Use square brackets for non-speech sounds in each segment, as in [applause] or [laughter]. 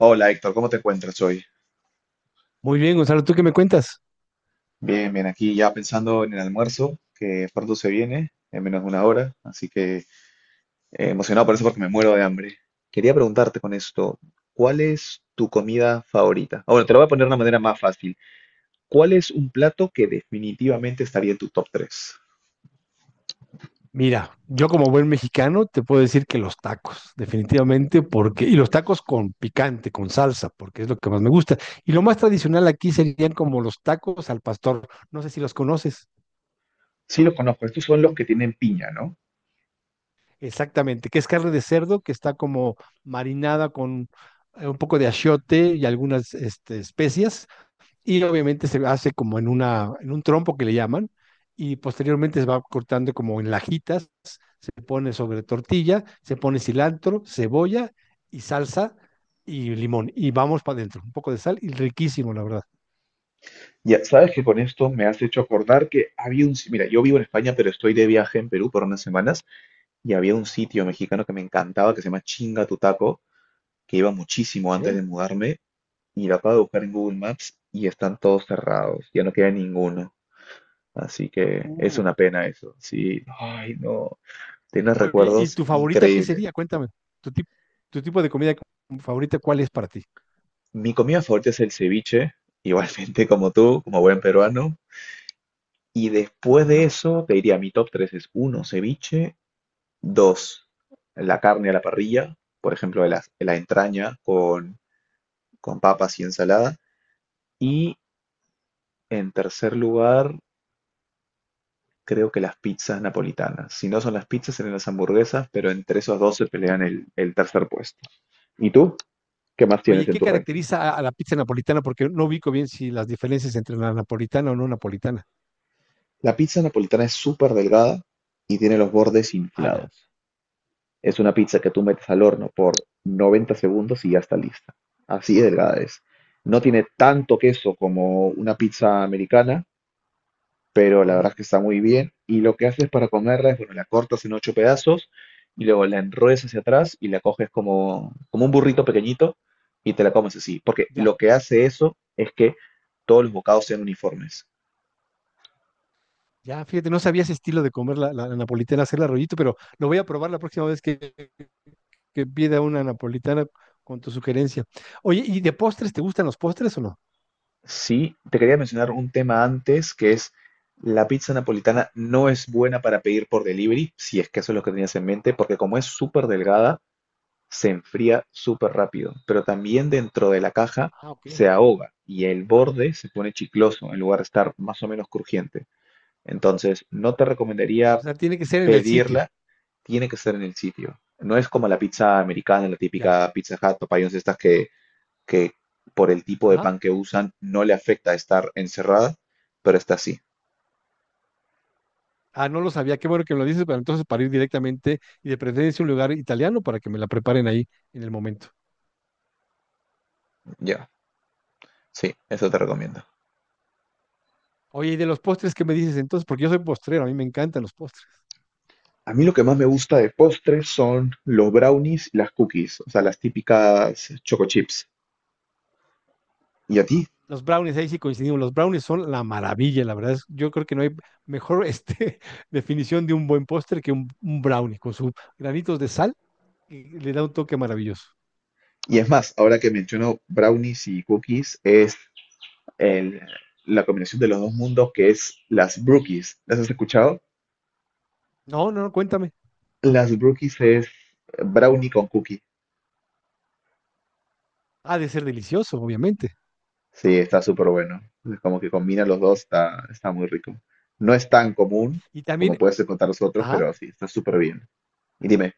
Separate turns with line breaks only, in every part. Hola Héctor, ¿cómo te encuentras hoy?
Muy bien, Gonzalo, ¿tú qué me cuentas?
Bien, bien, aquí ya pensando en el almuerzo que pronto se viene, en menos de una hora, así que emocionado por eso porque me muero de hambre. Quería preguntarte con esto, ¿cuál es tu comida favorita? Ah, bueno, te lo voy a poner de una manera más fácil. ¿Cuál es un plato que definitivamente estaría en tu top 3?
Mira, yo como buen mexicano te puedo decir que los tacos, definitivamente, porque, y los tacos con picante, con salsa, porque es lo que más me gusta. Y lo más tradicional aquí serían como los tacos al pastor, no sé si los conoces
Sí, los conozco, estos son los que tienen piña, ¿no?
exactamente, que es carne de cerdo que está como marinada con un poco de achiote y algunas especias y obviamente se hace como en en un trompo que le llaman, y posteriormente se va cortando como en lajitas, se pone sobre tortilla, se pone cilantro, cebolla y salsa y limón, y vamos para adentro, un poco de sal, y riquísimo, la verdad.
Ya sabes que con esto me has hecho acordar que había un... si- mira, yo vivo en España, pero estoy de viaje en Perú por unas semanas y había un sitio
Sí,
mexicano que me encantaba que se llama Chinga Tu Taco, que iba muchísimo antes de
ok.
mudarme, y lo acabo de buscar en Google Maps y están todos cerrados, ya no queda ninguno. Así que es
Uh,
una pena eso. Sí, ay, no. Tienes
Oye, ¿y
recuerdos
tu favorita qué
increíbles.
sería? Cuéntame, tu tipo, tu tipo de comida favorita, ¿cuál es para ti?
Mi comida favorita es el ceviche, igualmente [laughs] como tú, como buen peruano. Y después de
Ujú.
eso, te diría, mi top 3 es uno ceviche, 2 la carne a la parrilla, por ejemplo, la entraña con, papas y ensalada. Y en tercer lugar, creo que las pizzas napolitanas. Si no son las pizzas, serán las hamburguesas, pero entre esos dos se pelean el tercer puesto. ¿Y tú? ¿Qué más
Oye,
tienes en
¿qué
tu ranking?
caracteriza a la pizza napolitana? Porque no ubico bien si las diferencias entre la napolitana o no napolitana.
La pizza napolitana es súper delgada y tiene los bordes
Ah, ya.
inflados. Es una pizza que tú metes al horno por 90 segundos y ya está lista. Así de delgada es. No tiene tanto queso como una pizza americana, pero la verdad
Ujú.
es que está muy bien. Y lo que haces para comerla es, bueno, la cortas en ocho pedazos y luego la enrollas hacia atrás y la coges como, un burrito pequeñito y te la comes así. Porque lo
Ya.
que hace eso es que todos los bocados sean uniformes.
Ya, fíjate, no sabía ese estilo de comer la napolitana, hacerla rollito, pero lo voy a probar la próxima vez que pida una napolitana con tu sugerencia. Oye, ¿y de postres te gustan los postres o no?
Sí, te quería mencionar un tema antes, que es la pizza
Ah,
napolitana no es buena para pedir por delivery, si es que eso es lo que tenías en mente, porque como es súper delgada, se enfría súper rápido, pero también dentro de la caja
ah, ok.
se ahoga y el borde se pone chicloso en lugar de estar más o menos crujiente. Entonces, no te
O
recomendaría
sea, tiene que ser en el sitio,
pedirla, tiene que ser en el sitio. No es como la pizza americana, la
ya.
típica Pizza Hut, Popeyes, estas que por el tipo de
Ajá.
pan que usan no le afecta estar encerrada, pero está así.
Ah, no lo sabía, qué bueno que me lo dices, pero entonces para ir directamente y de preferencia a un lugar italiano para que me la preparen ahí en el momento.
Ya, sí, eso te recomiendo.
Oye, ¿y de los postres qué me dices entonces? Porque yo soy postrero, a mí me encantan los postres.
A mí lo que más me gusta de postres son los brownies y las cookies, o sea, las típicas choco chips. ¿Y a ti?
Los brownies, ahí sí coincidimos. Los brownies son la maravilla, la verdad. Yo creo que no hay mejor [laughs] definición de un buen postre que un brownie con sus granitos de sal y le da un toque maravilloso.
Y es más, ahora que menciono brownies y cookies, es el- la combinación de los dos mundos, que es las brookies. ¿Las has escuchado?
No, no, no, cuéntame.
Las brookies es brownie con cookie.
Ha de ser delicioso, obviamente.
Sí, está súper bueno. Es como que combina los dos, está muy rico. No es tan común
Y
como
también,
puedes encontrar los otros,
ah,
pero sí, está súper bien. Y dime,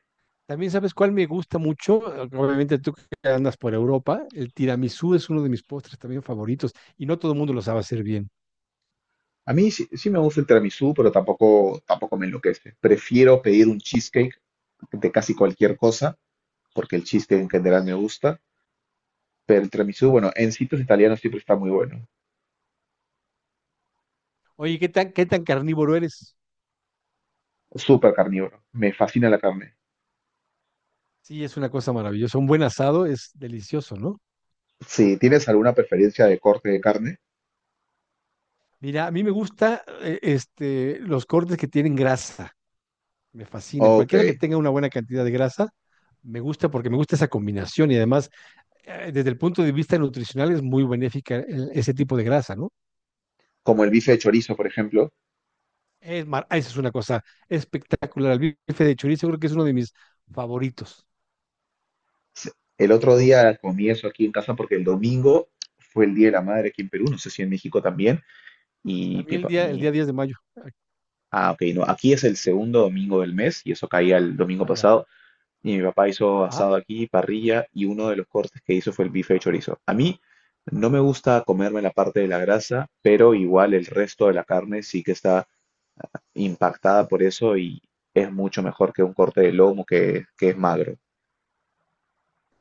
también sabes cuál me gusta mucho. Obviamente tú que andas por Europa, el tiramisú es uno de mis postres también favoritos y no todo el mundo lo sabe hacer bien.
a mí sí, sí me gusta el tiramisú, pero tampoco me enloquece. Prefiero pedir un cheesecake de casi cualquier cosa, porque el cheesecake en general me gusta. Pero el tiramisú, bueno, en sitios italianos siempre está muy bueno.
Oye, ¿qué tan carnívoro eres?
Súper carnívoro. Me fascina la carne.
Sí, es una cosa maravillosa. Un buen asado es delicioso, ¿no?
Si tienes alguna preferencia de corte de carne,
Mira, a mí me gusta los cortes que tienen grasa. Me fascinan.
ok.
Cualquiera que tenga una buena cantidad de grasa, me gusta porque me gusta esa combinación y además, desde el punto de vista nutricional, es muy benéfica ese tipo de grasa, ¿no?
Como el bife de chorizo, por ejemplo.
Ah, esa es una cosa espectacular. El bife de chorizo creo que es uno de mis favoritos.
Se- El otro día comí eso aquí en casa porque el domingo fue el Día de la Madre aquí en Perú, no sé si en México también. Y mi,
También
pa-
el
mi-
día 10 de mayo.
ah, ok, no, aquí es el segundo domingo del mes y eso caía el domingo
Allá.
pasado. Y mi papá hizo asado aquí, parrilla, y uno de los cortes que hizo fue el bife de chorizo. A mí no me gusta comerme la parte de la grasa, pero igual el resto de la carne sí que está impactada por eso y es mucho mejor que un corte de lomo, que es magro.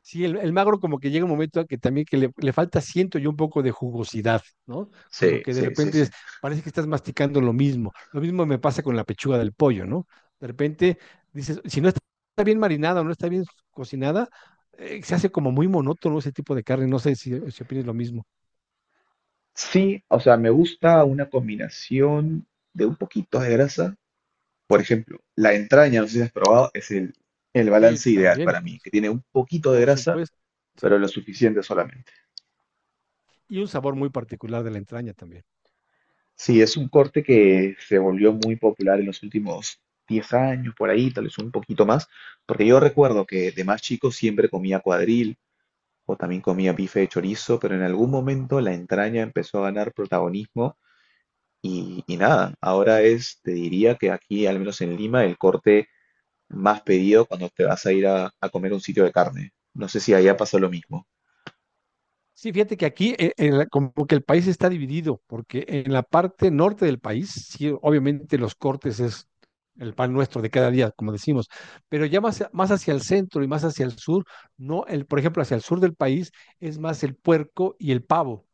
Sí, el magro como que llega un momento a que también que le falta, siento yo, un poco de jugosidad, ¿no? Como
Sí,
que de
sí, sí,
repente
sí.
parece que estás masticando lo mismo. Lo mismo me pasa con la pechuga del pollo, ¿no? De repente dices, si no está está bien marinada o no está bien cocinada, se hace como muy monótono ese tipo de carne. No sé si opinas lo mismo.
Sí, o sea, me gusta una combinación de un poquito de grasa. Por ejemplo, la entraña, no sé si has probado, es el,
Sí,
balance ideal
también,
para mí, que tiene un poquito de
por
grasa,
supuesto.
pero lo suficiente solamente.
Y un sabor muy particular de la entraña también.
Sí, es un corte que se volvió muy popular en los últimos 10 años, por ahí, tal vez un poquito más, porque yo recuerdo que de más chico siempre comía cuadril o también comía bife de chorizo, pero en algún momento la entraña empezó a ganar protagonismo y nada, ahora es, te diría que aquí, al menos en Lima, el corte más pedido cuando te vas a ir a comer a un sitio de carne. No sé si allá pasó lo mismo.
Sí, fíjate que aquí en como que el país está dividido, porque en la parte norte del país, sí, obviamente los cortes es el pan nuestro de cada día, como decimos, pero ya más hacia el centro y más hacia el sur, no, el, por ejemplo, hacia el sur del país es más el puerco y el pavo,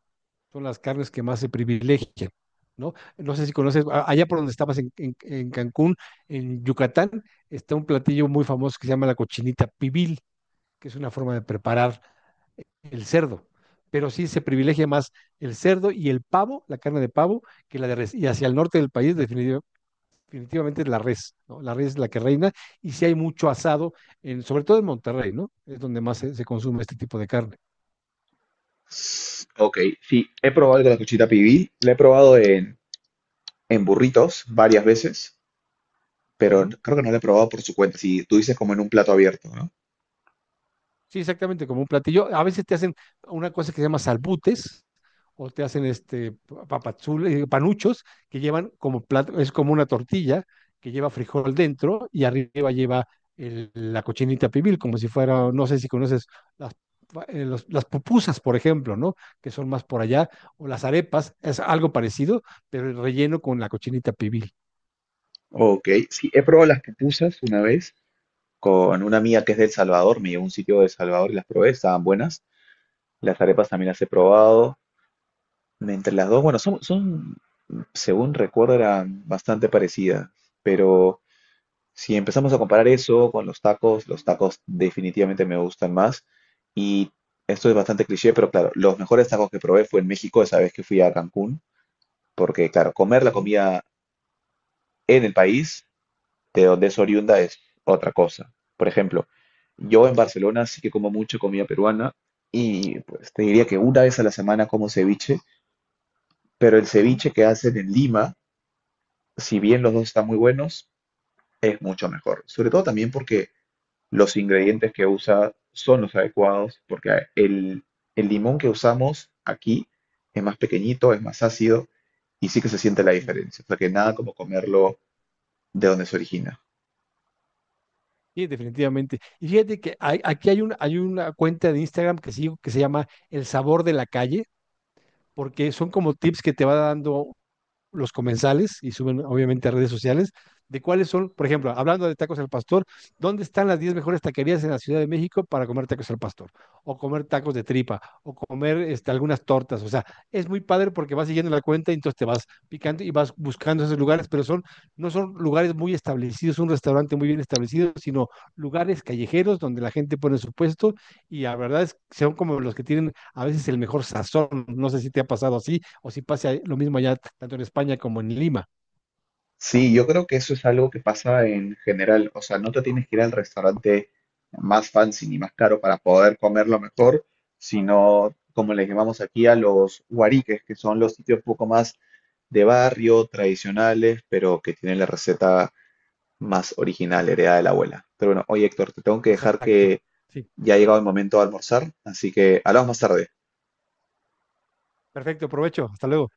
son las carnes que más se privilegian, ¿no? No sé si conoces, allá por donde estabas en Cancún, en Yucatán, está un platillo muy famoso que se llama la cochinita pibil, que es una forma de preparar el cerdo, pero sí se privilegia más el cerdo y el pavo, la carne de pavo, que la de res. Y hacia el norte del país definitivamente es la res, ¿no? La res es la que reina y si sí hay mucho asado, en, sobre todo en Monterrey, ¿no? Es donde más se consume este tipo de carne.
Ok, sí, he probado el de la cochita pibil, la he probado en burritos varias veces.
Uh
Pero
-huh.
creo que no la he probado por su cuenta. Si tú dices como en un plato abierto, ¿no?
Sí, exactamente, como un platillo. A veces te hacen una cosa que se llama salbutes o te hacen papazules, panuchos que llevan como plato, es como una tortilla que lleva frijol dentro y arriba lleva la cochinita pibil, como si fuera, no sé si conoces las, las pupusas, por ejemplo, ¿no? Que son más por allá, o las arepas, es algo parecido, pero el relleno con la cochinita pibil.
Ok, sí, he probado las pupusas una vez con una amiga que es de El Salvador, me llevó a un sitio de El Salvador y las probé, estaban buenas. Las arepas también las he probado. Entre las dos, bueno, según recuerdo, eran bastante parecidas, pero si empezamos a comparar eso con los tacos definitivamente me gustan más. Y esto es bastante cliché, pero claro, los mejores tacos que probé fue en México esa vez que fui a Cancún, porque claro, comer la
Ujú,
comida en el país de donde es oriunda es otra cosa. Por ejemplo, yo en Barcelona sí que como mucha comida peruana y pues te diría que una vez a la semana como ceviche, pero el
ujú,
ceviche que hacen en Lima, si bien los dos están muy buenos, es mucho mejor. Sobre todo también porque los ingredientes que usa son los adecuados, porque el limón que usamos aquí es más pequeñito, es más ácido y sí que se siente la
ujú.
diferencia. O sea que nada como comerlo de donde se origina.
Sí, definitivamente. Y fíjate que aquí hay una cuenta de Instagram que sigo que se llama El Sabor de la Calle, porque son como tips que te va dando los comensales y suben obviamente a redes sociales de cuáles son, por ejemplo, hablando de tacos al pastor, ¿dónde están las 10 mejores taquerías en la Ciudad de México para comer tacos al pastor? O comer tacos de tripa, o comer algunas tortas. O sea, es muy padre porque vas siguiendo la cuenta y entonces te vas picando y vas buscando esos lugares, pero no son lugares muy establecidos, un restaurante muy bien establecido, sino lugares callejeros donde la gente pone su puesto y la verdad es que son como los que tienen a veces el mejor sazón. No sé si te ha pasado así o si pase lo mismo allá, tanto en España como en Lima.
Sí, yo creo que eso es algo que pasa en general. O sea, no te tienes que ir al restaurante más fancy ni más caro para poder comer lo mejor, sino como le llamamos aquí a los huariques, que son los sitios un poco más de barrio, tradicionales, pero que tienen la receta más original, heredada de la abuela. Pero bueno, oye Héctor, te tengo que dejar,
Exacto.
que
Sí,
ya ha llegado el momento de almorzar, así que hablamos más tarde.
perfecto, provecho. Hasta luego.